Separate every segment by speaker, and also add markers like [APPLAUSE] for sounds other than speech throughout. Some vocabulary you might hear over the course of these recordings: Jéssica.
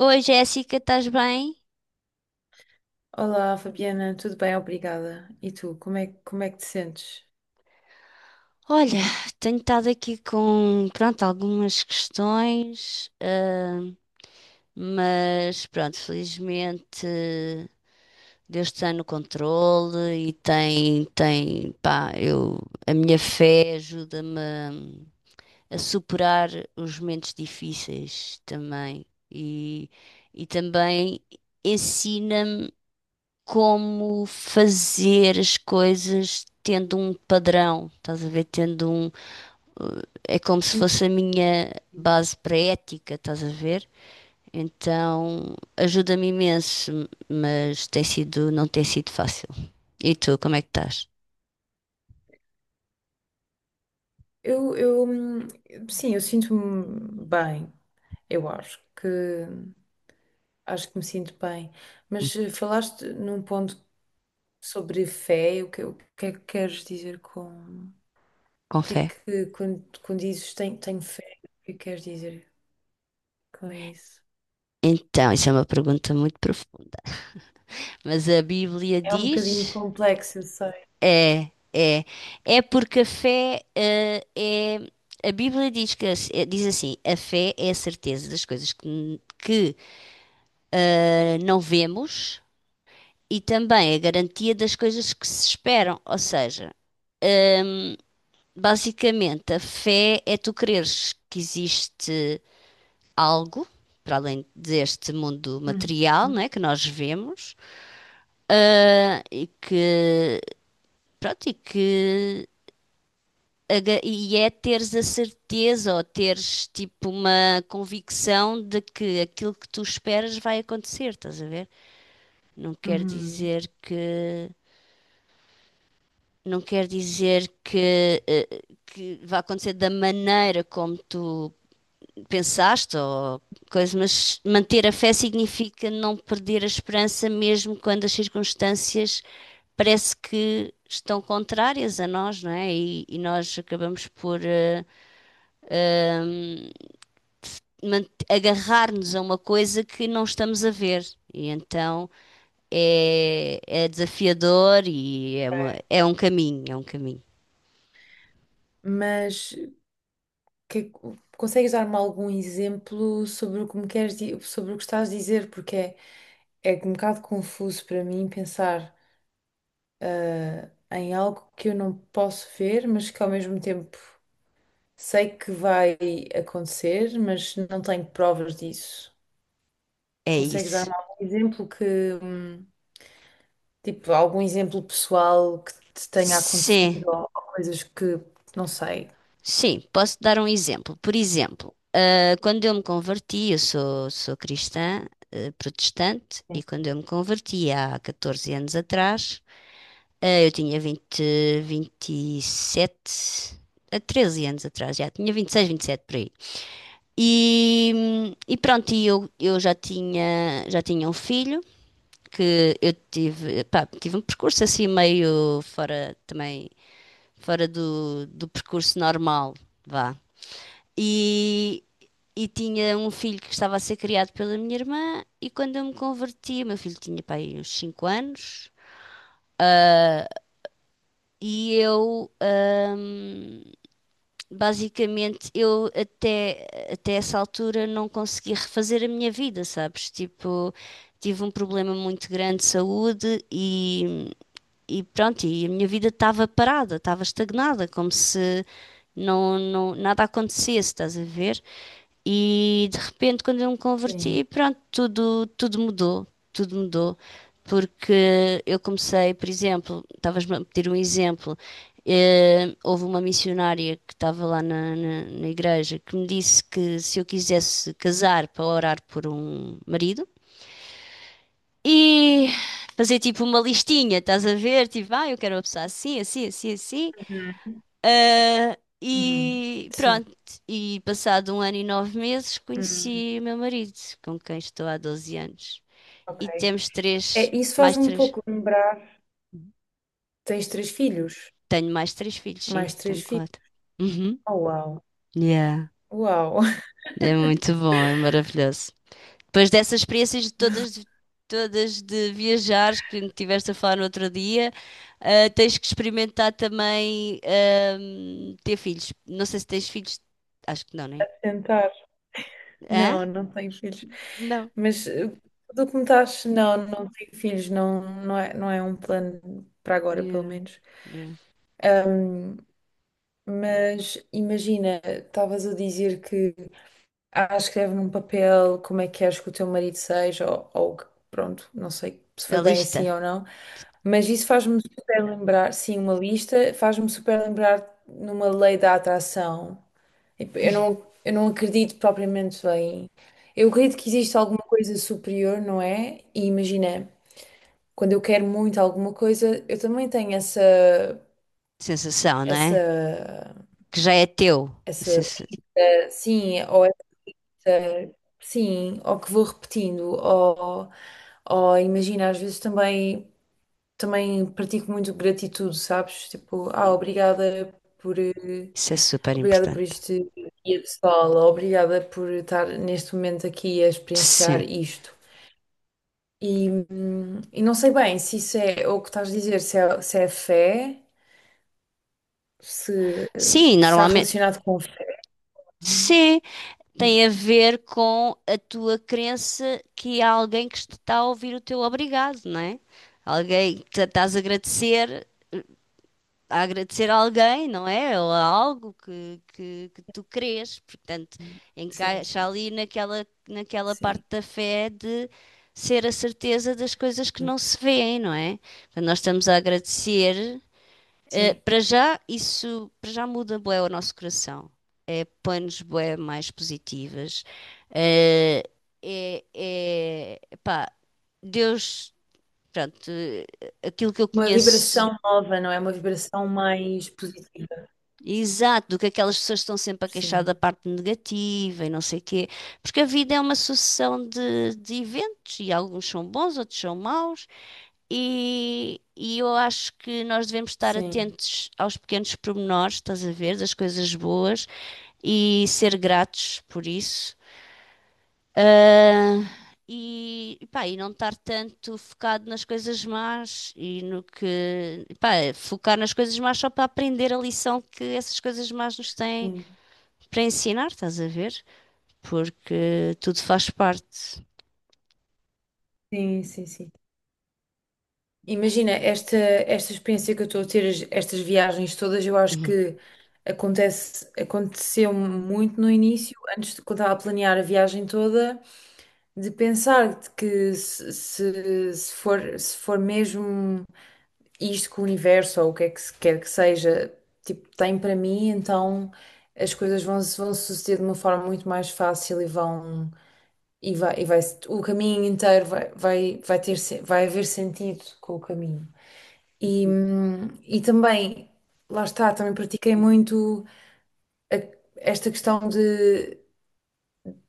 Speaker 1: Oi Jéssica, estás bem?
Speaker 2: Olá, Fabiana, tudo bem? Obrigada. E tu, como é que te sentes?
Speaker 1: Olha, tenho estado aqui com, pronto, algumas questões, ah, mas pronto, felizmente Deus está no controle e tem, pá, a minha fé ajuda-me a superar os momentos difíceis também e, e também ensina-me, como fazer as coisas tendo um padrão, estás a ver? Tendo um. eh, É como se fosse a minha base para a ética, estás a ver? Então ajuda-me imenso, mas tem sido, não tem sido fácil. E tu, como é que estás?
Speaker 2: Eu, eu, hum, sim, eu sinto-me bem, eu acho que, acho que me sinto bem. Mas falaste num ponto sobre fé. O que é que queres dizer com, o
Speaker 1: Com
Speaker 2: que é
Speaker 1: fé?
Speaker 2: que, quando, quando dizes tenho fé, o que é que queres dizer com isso?
Speaker 1: Então, isso é uma pergunta muito profunda. Mas a Bíblia
Speaker 2: É um bocadinho
Speaker 1: diz.
Speaker 2: complexo, eu sei.
Speaker 1: É, é. É porque a fé, é. A Bíblia diz que diz assim: a fé é a certeza das coisas que não vemos e também a garantia das coisas que se esperam. Ou seja, ehm, basicamente, a fé é tu creres que existe algo. Para além deste mundo material, não
Speaker 2: Uhum.
Speaker 1: é, que nós vemos, e que, pronto, E é teres a certeza ou teres tipo uma convicção de que aquilo que tu esperas vai acontecer, estás a ver? Não quer
Speaker 2: Uhum.
Speaker 1: dizer que vai acontecer da maneira como tu pensaste ou coisa, mas manter a fé significa não perder a esperança mesmo quando as circunstâncias parece que estão contrárias a nós, não é? E nós acabamos por eh, agarrar-nos a uma coisa que não estamos a ver. E então é desafiador e é um caminho, é um caminho.
Speaker 2: Mas, que- consegues dar-me algum exemplo sobre o que me queres, sobre o que estás a dizer? Porque é um bocado confuso para mim pensar em algo que eu não posso ver, mas que ao mesmo tempo sei que vai acontecer, mas não tenho provas disso.
Speaker 1: É
Speaker 2: Consegues
Speaker 1: isso.
Speaker 2: dar-me algum exemplo que, hum, tipo, algum exemplo pessoal que te tenha
Speaker 1: Sim,
Speaker 2: acontecido ou coisas que não sei.
Speaker 1: sim, posso dar um exemplo. Por exemplo, ah, quando eu me converti, eu sou cristã, ah, protestante, e quando eu me converti há 14 anos atrás, ah, eu tinha vinte 27 a 13 anos atrás, já tinha vinte 26 27 por aí. E, e pronto, e eu já tinha um filho que eu tive, pá, tive um percurso assim meio fora também, fora do percurso normal, vá. E, e tinha um filho que estava a ser criado pela minha irmã e quando eu me converti, o meu filho tinha, pá, aí uns 5 anos e eu hum, Basicamente, eu até essa altura não consegui refazer a minha vida, sabes? Tipo, tive um problema muito grande de saúde e pronto, e a minha vida estava parada, estava estagnada, como se não, não, nada acontecesse, estás a ver? E de repente, quando eu me
Speaker 2: Sim.
Speaker 1: converti, pronto, tudo mudou, tudo mudou. Porque eu comecei, por exemplo, estavas-me a pedir um exemplo, houve uma missionária que estava lá na igreja que me disse que se eu quisesse casar para orar por um marido, e fazer tipo uma listinha, estás a ver? Tipo, ah, eu quero uma pessoa assim, assim, assim, assim.
Speaker 2: Uhum.
Speaker 1: Ah,
Speaker 2: Uhum.
Speaker 1: e
Speaker 2: Sim.
Speaker 1: pronto. E passado um ano e 9 meses
Speaker 2: Hum,
Speaker 1: conheci o meu marido, com quem estou há 12 anos.
Speaker 2: ok.
Speaker 1: E temos três,
Speaker 2: É, isso
Speaker 1: mais
Speaker 2: faz-me um
Speaker 1: três.
Speaker 2: pouco lembrar. Tens três filhos?
Speaker 1: Tenho mais três filhos,
Speaker 2: Mais
Speaker 1: sim,
Speaker 2: três
Speaker 1: tenho
Speaker 2: filhos?
Speaker 1: quatro. Uhum.
Speaker 2: Oh, uau!
Speaker 1: Yeah.
Speaker 2: Uau!
Speaker 1: É muito bom, é maravilhoso. Depois dessas experiências de todas, todas de viajares que me tiveste a falar no outro dia, ah, tens que experimentar também ter filhos. Não sei se tens filhos. Acho que não, né?
Speaker 2: [LAUGHS] Tentar.
Speaker 1: Hã?
Speaker 2: Não, não tenho filhos.
Speaker 1: Não.
Speaker 2: Mas tudo o que me estás. Não, não tenho filhos. Não, não é um plano para agora, pelo
Speaker 1: Yeah,
Speaker 2: menos.
Speaker 1: yeah.
Speaker 2: Ahm, mas imagina, estavas a dizer que escreve num papel como é que queres que o teu marido seja, ou, pronto, não sei se
Speaker 1: A
Speaker 2: foi bem
Speaker 1: lista.
Speaker 2: assim ou não. Mas isso faz-me super lembrar, sim, uma lista, faz-me super lembrar numa lei da atração. Tipo, Eu
Speaker 1: [LAUGHS]
Speaker 2: não, eu não acredito propriamente em. Eu acredito que existe alguma coisa superior, não é? E imagina, quando eu quero muito alguma coisa, eu também tenho essa,
Speaker 1: Sensação, não é?
Speaker 2: essa,
Speaker 1: Que já é teu.
Speaker 2: essa,
Speaker 1: Sensa-
Speaker 2: sim, ou essa, sim, ou que vou repetindo, ou imagina, às vezes também pratico muito gratitude, sabes? Tipo, obrigada por. eh,
Speaker 1: Isso é super
Speaker 2: Obrigada por
Speaker 1: importante.
Speaker 2: este dia de escola, obrigada por estar neste momento aqui a experienciar
Speaker 1: Sim.
Speaker 2: isto. E não sei bem se isso é o que estás a dizer, se é fé, se
Speaker 1: Sim,
Speaker 2: está
Speaker 1: normalmente.
Speaker 2: relacionado com fé.
Speaker 1: Sim. Tem a ver com a tua crença que há alguém que te está a ouvir o teu obrigado, não é? Alguém que estás a agradecer, a agradecer a alguém, não é? Ou a algo que tu crês. Portanto,
Speaker 2: Sim,
Speaker 1: encaixa
Speaker 2: sim, sim.
Speaker 1: ali naquela parte
Speaker 2: Sim.
Speaker 1: da fé de ser a certeza das coisas que não se vêem, não é? Portanto, nós estamos a agradecer. eh,
Speaker 2: Sim.
Speaker 1: para já, isso para já muda bué o nosso coração planos bué mais positivas. Eh, é, pá, Deus, pronto, aquilo que eu
Speaker 2: Uma
Speaker 1: conheço
Speaker 2: vibração nova, não é? Uma vibração mais positiva.
Speaker 1: exato, do que aquelas pessoas estão sempre a queixar da
Speaker 2: Sim,
Speaker 1: parte negativa e não sei quê, porque a vida é uma sucessão de eventos e alguns são bons, outros são maus. E eu acho que nós devemos estar
Speaker 2: sim,
Speaker 1: atentos aos pequenos pormenores, estás a ver, das coisas boas e ser gratos por isso. Ah, e, pá, e não estar tanto focado nas coisas más e no que, pá, focar nas coisas más só para aprender a lição que essas coisas más nos têm
Speaker 2: sim,
Speaker 1: para ensinar, estás a ver? Porque tudo faz parte.
Speaker 2: sim, sim, sim. Imagina, esta experiência que eu estou a ter, estas viagens todas, eu acho
Speaker 1: Uhum.
Speaker 2: que aconteceu muito no início, antes de quando estava a planear a viagem toda, de pensar de que se for mesmo. Isto que o universo ou o que é que se quer que seja, tipo, tem para mim, então as coisas vão, se- vão suceder de uma forma muito mais fácil e vai o caminho inteiro vai, vai, vai ter se- vai haver sentido com o caminho. E também, lá está, também pratiquei muito esta questão de,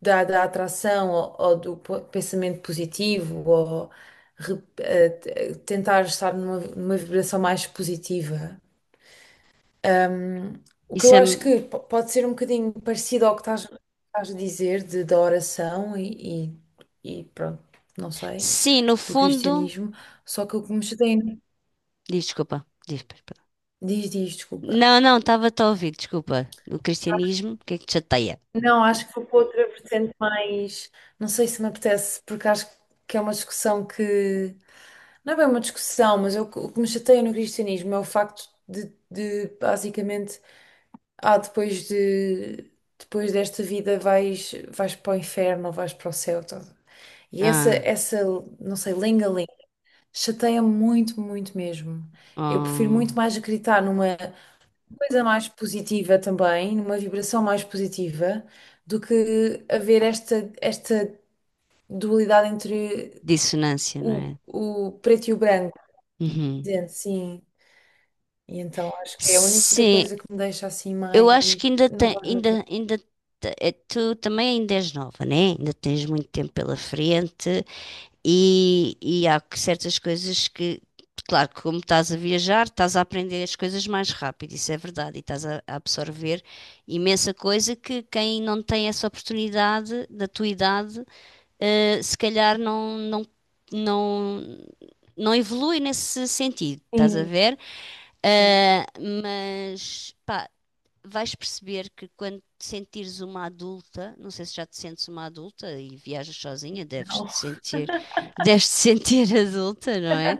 Speaker 2: da, da atração ou pensamento positivo ou re- eh, t- eh, tentar estar numa vibração mais positiva. Um, o que
Speaker 1: Isso
Speaker 2: eu
Speaker 1: é,
Speaker 2: acho que pode ser um bocadinho parecido ao que estás a dizer da oração e pronto, não sei,
Speaker 1: sim, no
Speaker 2: do
Speaker 1: fundo,
Speaker 2: cristianismo, só que o que me chateia,
Speaker 1: diz, desculpa, diz, pera.
Speaker 2: diz, diz, desculpa.
Speaker 1: Não, não, estava-te a ouvir, desculpa. O cristianismo, o que é que te chateia?
Speaker 2: Não, acho que vou para outra vertente mais, não sei se me apetece, porque acho que é uma discussão que, não é bem uma discussão, mas é o que me chateia no cristianismo é o facto de basicamente ah, depois de depois desta vida vais para o inferno, ou vais para o céu. Tá? E essa
Speaker 1: Ah,
Speaker 2: essa não sei, lenga-lenga, chateia-me muito, muito mesmo. Eu prefiro
Speaker 1: oh,
Speaker 2: muito mais acreditar numa coisa mais positiva também, numa vibração mais positiva, do que haver esta dualidade entre
Speaker 1: dissonância, não
Speaker 2: o,
Speaker 1: é?
Speaker 2: o preto e o branco.
Speaker 1: Uhum.
Speaker 2: Dizendo sim. E então acho que é a única
Speaker 1: Sim,
Speaker 2: coisa que me deixa assim
Speaker 1: eu
Speaker 2: mais.
Speaker 1: acho que ainda
Speaker 2: Não
Speaker 1: tem,
Speaker 2: vale a pena.
Speaker 1: ainda, ainda te- eh, tu também ainda és nova, né? Ainda tens muito tempo pela frente e certas coisas que, claro, que como estás a viajar, estás a aprender as coisas mais rápido, isso é verdade, e estás a absorver imensa coisa que quem não tem essa oportunidade da tua idade, se calhar não, não evolui nesse sentido, estás a
Speaker 2: Sim,
Speaker 1: ver?
Speaker 2: sim,
Speaker 1: Ah, mas pá, vais perceber que quando te sentires uma adulta, não sei se já te sentes uma adulta e viajas sozinha, deves te sentir, [LAUGHS] deves te sentir [LAUGHS] adulta, não é?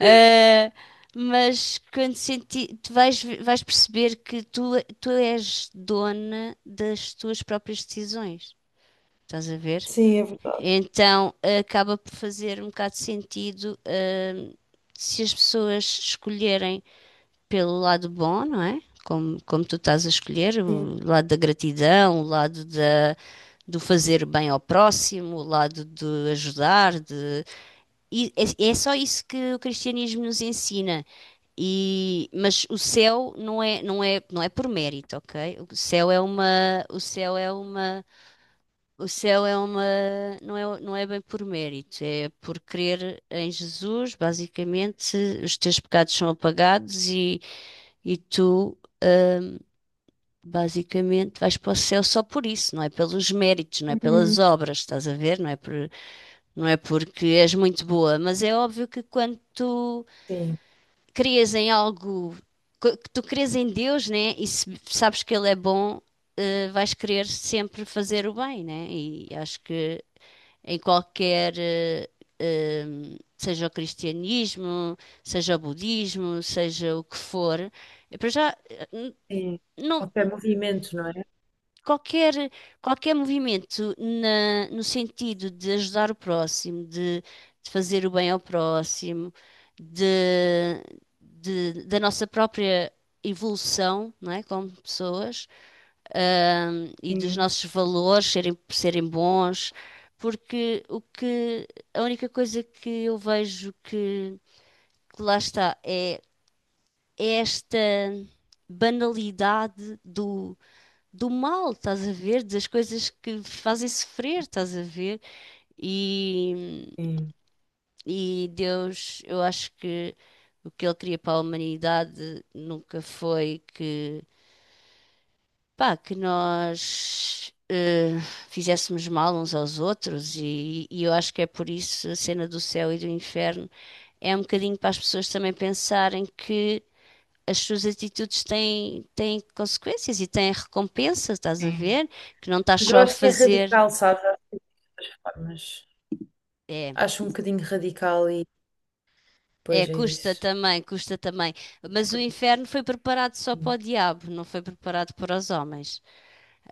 Speaker 1: Eh, mas quando senti, tu vais perceber que tu és dona das tuas próprias decisões. Estás a ver?
Speaker 2: sim, é verdade.
Speaker 1: Então acaba por fazer um bocado de sentido, hum, se as pessoas escolherem pelo lado bom, não é? Como tu estás a escolher,
Speaker 2: Sim,
Speaker 1: o lado da gratidão, o lado da, do fazer bem ao próximo, o lado de ajudar, de... E é, é só isso que o cristianismo nos ensina. E, mas o céu não é, não é, não é por mérito, ok? O céu é uma, o céu é uma, o céu é uma, não é bem por mérito, é por crer em Jesus, basicamente, os teus pecados são apagados e tu basicamente, vais para o céu só por isso, não é pelos méritos, não é pelas
Speaker 2: uhum,
Speaker 1: obras, estás a ver? Não é por, não é porque és muito boa, mas é óbvio que quando tu
Speaker 2: sim.
Speaker 1: crias em algo, que tu crês em Deus, né? E se sabes que Ele é bom, vais querer sempre fazer o bem, né? E acho que em qualquer, eh, seja o cristianismo, seja o budismo, seja o que for, para já,
Speaker 2: Sim,
Speaker 1: não,
Speaker 2: qualquer movimento, não é?
Speaker 1: qualquer, qualquer movimento no sentido de ajudar o próximo, de fazer o bem ao próximo, de, da nossa própria evolução, não é? Como pessoas, e dos
Speaker 2: Sim,
Speaker 1: nossos valores serem bons, porque o que, a única coisa que eu vejo que, lá está é esta banalidade do mal, estás a ver? Das coisas que fazem sofrer, estás a ver? E,
Speaker 2: sim.
Speaker 1: e Deus, eu acho que o que ele queria para a humanidade nunca foi que, pá, que nós fizéssemos mal uns aos outros, e eu acho que é por isso a cena do céu e do inferno é um bocadinho para as pessoas também pensarem que. As suas atitudes têm consequências e têm recompensa, estás a
Speaker 2: Sim.
Speaker 1: ver? Que não estás
Speaker 2: Mas eu
Speaker 1: só a
Speaker 2: acho que é
Speaker 1: fazer.
Speaker 2: radical, sabes? Acho que tem muitas formas.
Speaker 1: É,
Speaker 2: Acho um bocadinho radical e
Speaker 1: é,
Speaker 2: depois é
Speaker 1: custa
Speaker 2: isso.
Speaker 1: também, custa também.
Speaker 2: É
Speaker 1: Mas o
Speaker 2: por isso.
Speaker 1: inferno foi preparado só para
Speaker 2: Sim.
Speaker 1: o diabo, não foi preparado para os homens.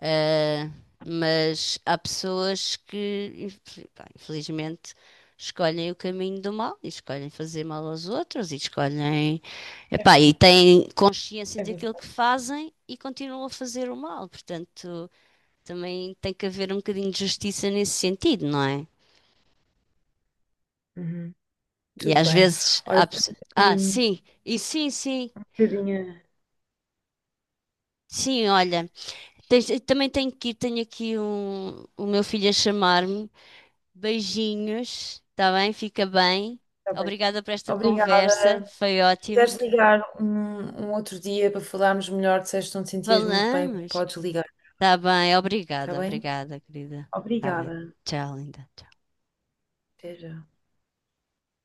Speaker 1: Ah, mas há pessoas que, pá, infelizmente, escolhem o caminho do mal e escolhem fazer mal aos outros e escolhem,
Speaker 2: É,
Speaker 1: epá, e têm consciência
Speaker 2: é
Speaker 1: daquilo
Speaker 2: verdade.
Speaker 1: que fazem e continuam a fazer o mal. Portanto, também tem que haver um bocadinho de justiça nesse sentido, não é?
Speaker 2: Uhum.
Speaker 1: E
Speaker 2: Tudo
Speaker 1: às
Speaker 2: bem.
Speaker 1: vezes há
Speaker 2: Olha, tenho
Speaker 1: pessoas. Ah,
Speaker 2: aqui um
Speaker 1: sim, e sim, sim.
Speaker 2: bocadinho.
Speaker 1: Sim, olha, eu também tenho que ir, tenho aqui um, o meu filho a chamar-me. Beijinhos, está bem? Fica bem.
Speaker 2: Está bem.
Speaker 1: Obrigada por esta conversa,
Speaker 2: Obrigada.
Speaker 1: foi
Speaker 2: Se
Speaker 1: ótimo.
Speaker 2: quiseres ligar um outro dia para falarmos melhor, se não te sentias muito bem,
Speaker 1: Falamos.
Speaker 2: podes ligar.
Speaker 1: Está bem,
Speaker 2: Está
Speaker 1: obrigada,
Speaker 2: bem?
Speaker 1: obrigada, querida. Está bem.
Speaker 2: Obrigada.
Speaker 1: Tchau, linda. Tchau.
Speaker 2: Até já.